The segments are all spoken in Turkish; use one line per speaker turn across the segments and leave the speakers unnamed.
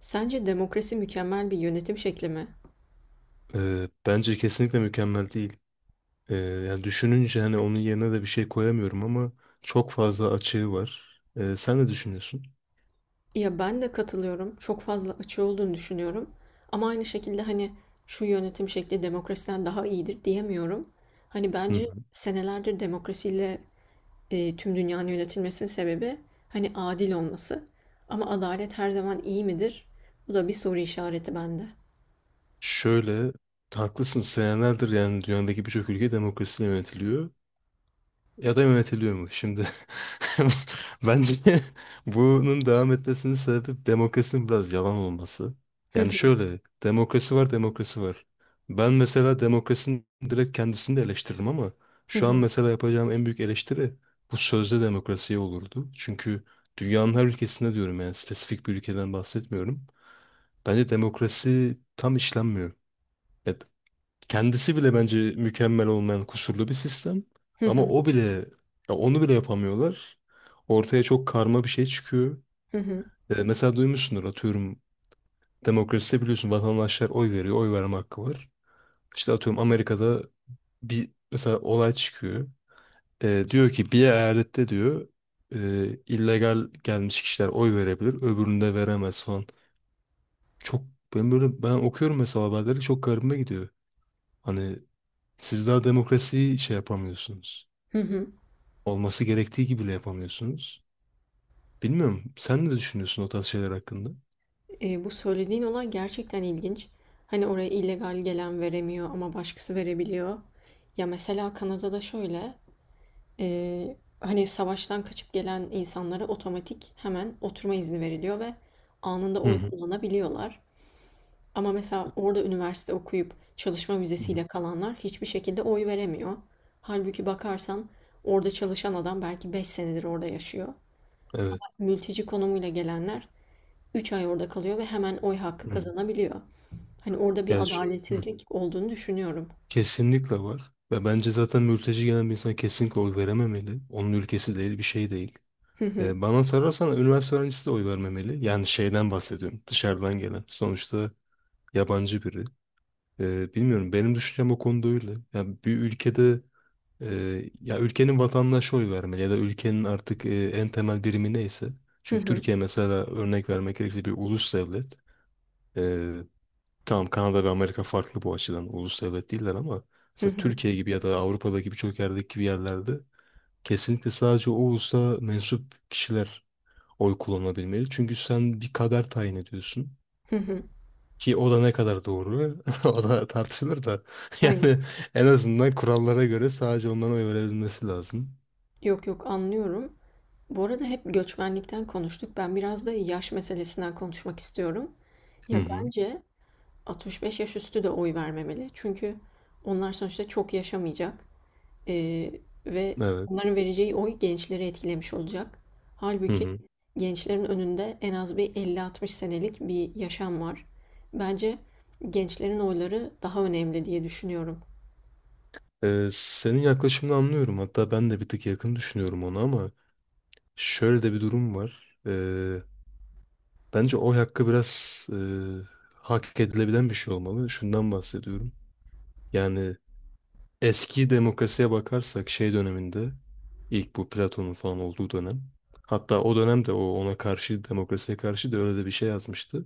Sence demokrasi mükemmel bir yönetim şekli mi?
Bence kesinlikle mükemmel değil. Yani düşününce hani onun yerine de bir şey koyamıyorum ama çok fazla açığı var. Sen ne düşünüyorsun?
Ya ben de katılıyorum. Çok fazla açığı olduğunu düşünüyorum. Ama aynı şekilde hani şu yönetim şekli demokrasiden daha iyidir diyemiyorum. Hani
Hı
bence
hı.
senelerdir demokrasiyle tüm dünyanın yönetilmesinin sebebi hani adil olması. Ama adalet her zaman iyi midir? Bu da bir soru işareti bende.
Şöyle, haklısın, senelerdir yani dünyadaki birçok ülke demokrasiyle yönetiliyor. Ya da yönetiliyor mu şimdi? Bence bunun devam etmesinin sebebi demokrasinin biraz yalan olması. Yani şöyle, demokrasi var, demokrasi var. Ben mesela demokrasinin direkt kendisini de eleştiririm ama şu an mesela yapacağım en büyük eleştiri bu sözde demokrasiye olurdu. Çünkü dünyanın her ülkesinde diyorum, yani spesifik bir ülkeden bahsetmiyorum. Bence demokrasi tam işlenmiyor. Evet. Kendisi bile bence mükemmel olmayan kusurlu bir sistem. Ama o bile, ya onu bile yapamıyorlar. Ortaya çok karma bir şey çıkıyor. Mesela duymuşsundur, atıyorum demokraside biliyorsun vatandaşlar oy veriyor, oy verme hakkı var. İşte atıyorum Amerika'da bir mesela olay çıkıyor. Diyor ki bir eyalette diyor, e, illegal gelmiş kişiler oy verebilir, öbüründe veremez falan. Çok, ben okuyorum mesela haberleri, çok garibime gidiyor. Hani siz daha demokrasiyi şey yapamıyorsunuz. Olması gerektiği gibi bile yapamıyorsunuz. Bilmiyorum. Sen ne düşünüyorsun o tarz şeyler hakkında?
Bu söylediğin olay gerçekten ilginç. Hani oraya illegal gelen veremiyor ama başkası verebiliyor. Ya mesela Kanada'da şöyle, hani savaştan kaçıp gelen insanlara otomatik hemen oturma izni veriliyor ve anında
Hı
oy
hı.
kullanabiliyorlar. Ama mesela orada üniversite okuyup çalışma
Hı
vizesiyle
hı.
kalanlar hiçbir şekilde oy veremiyor. Halbuki bakarsan orada çalışan adam belki 5 senedir orada yaşıyor.
Evet.
Mülteci konumuyla gelenler 3 ay orada kalıyor ve hemen oy hakkı
Hı hı.
kazanabiliyor. Hani orada bir
Ya, hı.
adaletsizlik olduğunu düşünüyorum.
Kesinlikle var. Ve bence zaten mülteci gelen bir insan kesinlikle oy verememeli. Onun ülkesi değil, bir şey değil.
Hı hı.
Bana sorarsan üniversite öğrencisi de oy vermemeli. Yani şeyden bahsediyorum. Dışarıdan gelen. Sonuçta yabancı biri. Bilmiyorum. Benim düşüncem o konuda öyle. Yani bir ülkede ya ülkenin vatandaşı oy vermeli ya da ülkenin artık en temel birimi neyse.
Hı
Çünkü
hı.
Türkiye mesela örnek vermek gerekirse bir ulus devlet. Eee tamam, Kanada ve Amerika farklı bu açıdan, ulus devlet değiller ama
Hı
mesela
hı.
Türkiye gibi ya da Avrupa'daki birçok yerdeki gibi yerlerde kesinlikle sadece o ulusa mensup kişiler oy kullanabilmeli. Çünkü sen bir kader tayin ediyorsun.
Hı hı.
Ki o da ne kadar doğru o da tartışılır da
Aynen.
yani en azından kurallara göre sadece onların oy verebilmesi lazım.
Yok yok, anlıyorum. Bu arada hep göçmenlikten konuştuk. Ben biraz da yaş meselesinden konuşmak istiyorum.
Hı
Ya
hı.
bence 65 yaş üstü de oy vermemeli. Çünkü onlar sonuçta çok yaşamayacak. Ee, ve
Evet.
onların vereceği oy gençleri etkilemiş olacak.
Hı
Halbuki
hı.
gençlerin önünde en az bir 50-60 senelik bir yaşam var. Bence gençlerin oyları daha önemli diye düşünüyorum.
Senin yaklaşımını anlıyorum. Hatta ben de bir tık yakın düşünüyorum ona, ama şöyle de bir durum var. Bence oy hakkı biraz hak edilebilen bir şey olmalı. Şundan bahsediyorum. Yani eski demokrasiye bakarsak şey döneminde, ilk bu Platon'un falan olduğu dönem. Hatta o dönemde o ona karşı demokrasiye karşı da öyle de bir şey yazmıştı.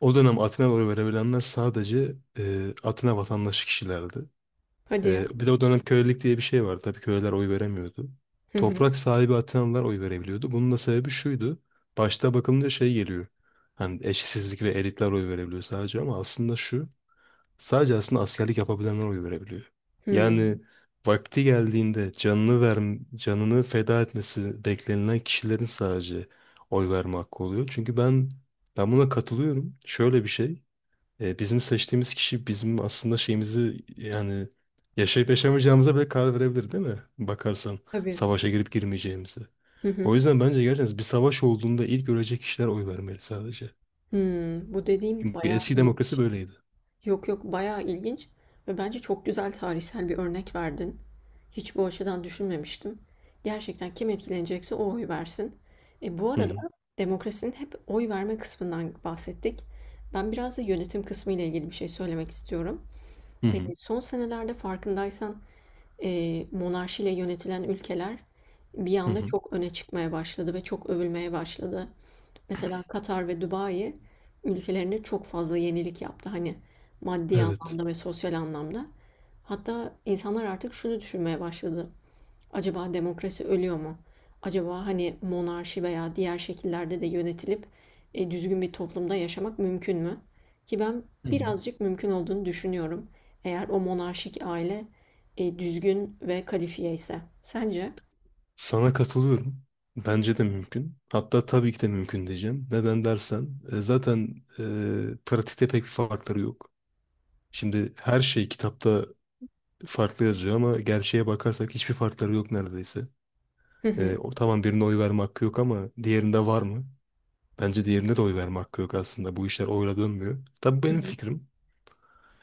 O dönem Atina'da oy verebilenler sadece Atina vatandaşı kişilerdi.
Hadi ya.
Bir de o dönem kölelik diye bir şey vardı. Tabii köleler oy veremiyordu.
Hı hı.
Toprak sahibi Atinalılar oy verebiliyordu. Bunun da sebebi şuydu. Başta bakılınca şey geliyor. Hani eşitsizlik ve elitler oy verebiliyor sadece, ama aslında şu. Sadece aslında askerlik yapabilenler oy verebiliyor.
Hmm.
Yani vakti geldiğinde canını ver, canını feda etmesi beklenilen kişilerin sadece oy verme hakkı oluyor. Çünkü ben buna katılıyorum. Şöyle bir şey. Bizim seçtiğimiz kişi bizim aslında şeyimizi, yani yaşayıp yaşamayacağımıza bile karar verebilir değil mi? Bakarsan
Tabii.
savaşa girip girmeyeceğimizi.
Hı hı.
O yüzden bence gerçekten bir savaş olduğunda ilk ölecek kişiler oy vermeli sadece.
Hmm. Bu dediğim
Çünkü
bayağı
eski demokrasi
ilginç.
böyleydi.
Yok yok, bayağı ilginç ve bence çok güzel tarihsel bir örnek verdin. Hiç bu açıdan düşünmemiştim. Gerçekten kim etkilenecekse o oy versin. Bu
Hı
arada
hı.
demokrasinin hep oy verme kısmından bahsettik. Ben biraz da yönetim kısmı ile ilgili bir şey söylemek istiyorum.
Hı hı.
Son senelerde farkındaysan monarşiyle yönetilen ülkeler bir
Hı
anda
hı.
çok öne çıkmaya başladı ve çok övülmeye başladı. Mesela Katar ve Dubai ülkelerine çok fazla yenilik yaptı. Hani maddi
Evet.
anlamda ve sosyal anlamda. Hatta insanlar artık şunu düşünmeye başladı. Acaba demokrasi ölüyor mu? Acaba hani monarşi veya diğer şekillerde de yönetilip düzgün bir toplumda yaşamak mümkün mü? Ki ben
Hı hı.
birazcık mümkün olduğunu düşünüyorum. Eğer o monarşik aile düzgün ve kalifiye ise. Sence?
Sana katılıyorum. Bence de mümkün. Hatta tabii ki de mümkün diyeceğim. Neden dersen zaten pratikte pek bir farkları yok. Şimdi her şey kitapta farklı yazıyor, ama gerçeğe bakarsak hiçbir farkları yok neredeyse.
Hı hı.
O tamam, birine oy verme hakkı yok ama diğerinde var mı? Bence diğerinde de oy verme hakkı yok aslında. Bu işler oyla dönmüyor. Tabii bu
Hı
benim
hı.
fikrim.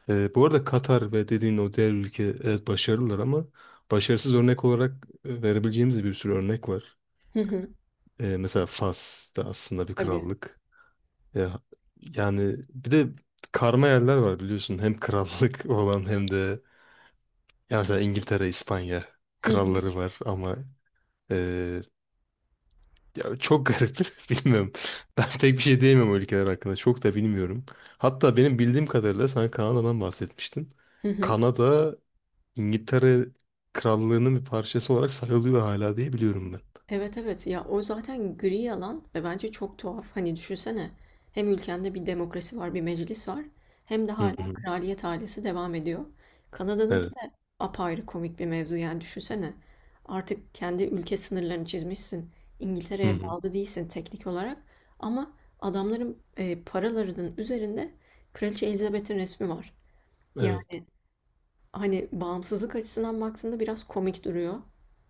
Bu arada Katar ve dediğin o diğer ülke, evet, başarılılar ama başarısız örnek olarak verebileceğimiz de bir sürü örnek var.
Hı hı.
Mesela Fas da aslında bir
Tabii.
krallık. Ya, yani bir de karma yerler var biliyorsun. Hem krallık olan hem de ya mesela İngiltere, İspanya
Hı hı.
kralları var ama Ee, ya çok garip. Bilmiyorum. Ben pek bir şey diyemem o ülkeler hakkında. Çok da bilmiyorum. Hatta benim bildiğim kadarıyla sen Kanada'dan bahsetmiştin.
Hı hı.
Kanada İngiltere Krallığı'nın bir parçası olarak sayılıyor hala diye biliyorum ben.
Evet, evet, ya o zaten gri alan ve bence çok tuhaf. Hani düşünsene hem ülkende bir demokrasi var, bir meclis var, hem de
Hı
hala
hı.
kraliyet ailesi devam ediyor. Kanada'nınki
Evet.
de apayrı komik bir mevzu, yani düşünsene. Artık kendi ülke sınırlarını çizmişsin.
Hı
İngiltere'ye
hı.
bağlı değilsin teknik olarak ama adamların paralarının üzerinde Kraliçe Elizabeth'in resmi var.
Evet.
Yani hani bağımsızlık açısından baktığında biraz komik duruyor.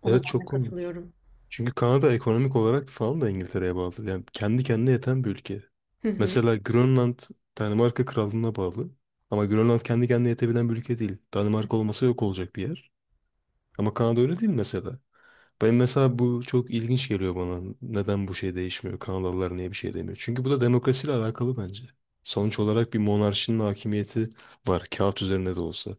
Ona
Evet,
ben
çok
de
komik.
katılıyorum.
Çünkü Kanada ekonomik olarak falan da İngiltere'ye bağlı. Yani kendi kendine yeten bir ülke. Mesela Grönland Danimarka Krallığı'na bağlı. Ama Grönland kendi kendine yetebilen bir ülke değil. Danimarka olmasa yok olacak bir yer. Ama Kanada öyle değil mesela. Ben mesela bu çok ilginç geliyor bana. Neden bu şey değişmiyor? Kanadalılar niye bir şey demiyor? Çünkü bu da demokrasiyle alakalı bence. Sonuç olarak bir monarşinin hakimiyeti var. Kağıt üzerinde de olsa.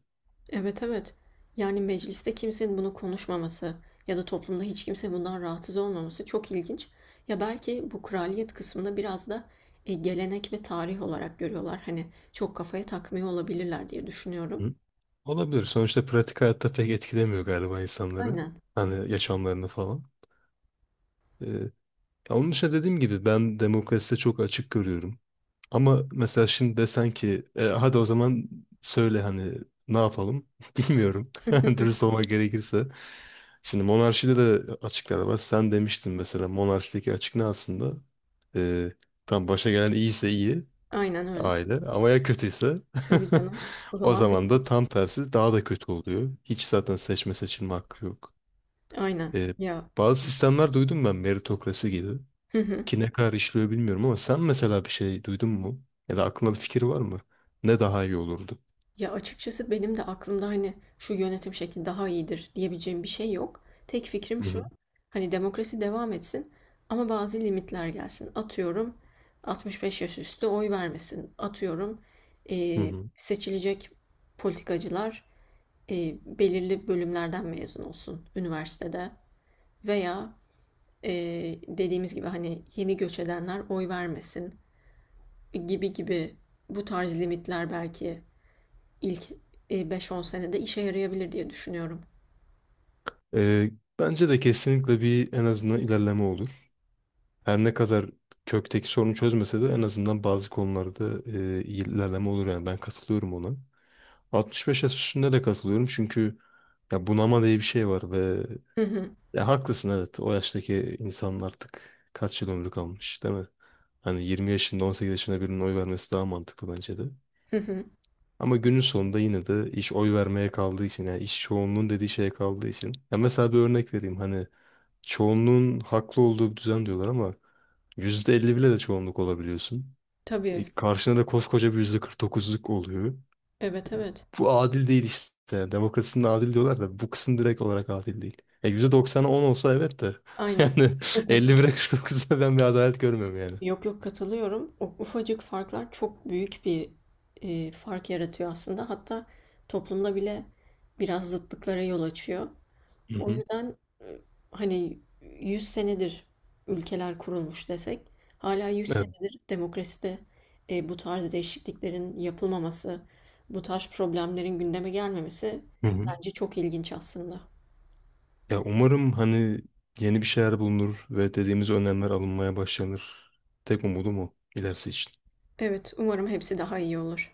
Evet, evet. Yani mecliste kimsenin bunu konuşmaması ya da toplumda hiç kimse bundan rahatsız olmaması çok ilginç. Ya belki bu kraliyet kısmını biraz da gelenek ve tarih olarak görüyorlar. Hani çok kafaya takmıyor olabilirler diye düşünüyorum.
Hı? Olabilir. Sonuçta pratik hayatta pek etkilemiyor galiba insanları.
Aynen.
Hani yaşamlarını falan. Ee, ya onun dışında dediğim gibi ben demokraside çok açık görüyorum. Ama mesela şimdi desen ki "Hadi o zaman söyle hani ne yapalım?" Bilmiyorum. Dürüst olmak gerekirse. Şimdi monarşide de açıklar var. Sen demiştin, mesela monarşideki açık ne aslında? E, tam başa gelen iyiyse iyi
Aynen öyle.
aile, ama ya kötüyse
Tabii canım. O
o
zaman
zaman da
bittik.
tam tersi daha da kötü oluyor. Hiç zaten seçme seçilme hakkı yok.
Aynen.
E,
Ya.
bazı sistemler duydum ben, meritokrasi gibi, ki ne kadar işliyor bilmiyorum ama sen mesela bir şey duydun mu? Ya da aklında bir fikir var mı? Ne daha iyi olurdu?
Ya açıkçası benim de aklımda hani şu yönetim şekli daha iyidir diyebileceğim bir şey yok. Tek fikrim
Hı
şu,
hı.
hani demokrasi devam etsin ama bazı limitler gelsin. Atıyorum 65 yaş üstü oy vermesin. Atıyorum
Hı hı.
seçilecek politikacılar belirli bölümlerden mezun olsun üniversitede veya dediğimiz gibi hani yeni göç edenler oy vermesin gibi gibi bu tarz limitler belki ilk 5-10 senede işe yarayabilir diye düşünüyorum.
Ee, bence de kesinlikle bir en azından ilerleme olur. Her ne kadar kökteki sorunu çözmese de en azından bazı konularda iyi ilerleme olur, yani ben katılıyorum ona. 65 yaş üstünde de katılıyorum çünkü ya bunama diye bir şey var ve
Hı hı.
ya haklısın, evet, o yaştaki insanlar artık kaç yıl ömrü kalmış değil mi? Hani 20 yaşında 18 yaşında birinin oy vermesi daha mantıklı bence de.
Hı hı.
Ama günün sonunda yine de iş oy vermeye kaldığı için, yani iş çoğunluğun dediği şeye kaldığı için. Ya mesela bir örnek vereyim hani çoğunluğun haklı olduğu bir düzen diyorlar, ama %50 bile de çoğunluk olabiliyorsun. E,
Tabii.
karşına da koskoca bir %49'luk oluyor.
Evet, evet.
Bu adil değil işte. Demokrasinin adil diyorlar da bu kısım direkt olarak adil değil. %90'a 10 olsa evet de
Aynen.
yani 51'e 49'da ben bir adalet görmüyorum yani.
Yok yok, katılıyorum. O ufacık farklar çok büyük bir fark yaratıyor aslında. Hatta toplumda bile biraz zıtlıklara yol açıyor.
Hı
O
hı.
yüzden hani 100 senedir ülkeler kurulmuş desek hala 100 senedir demokraside bu tarz değişikliklerin yapılmaması, bu tarz problemlerin gündeme gelmemesi
Evet.
bence çok ilginç aslında.
Ya umarım hani yeni bir şeyler bulunur ve dediğimiz önlemler alınmaya başlanır. Tek umudum o ilerisi için.
Evet, umarım hepsi daha iyi olur.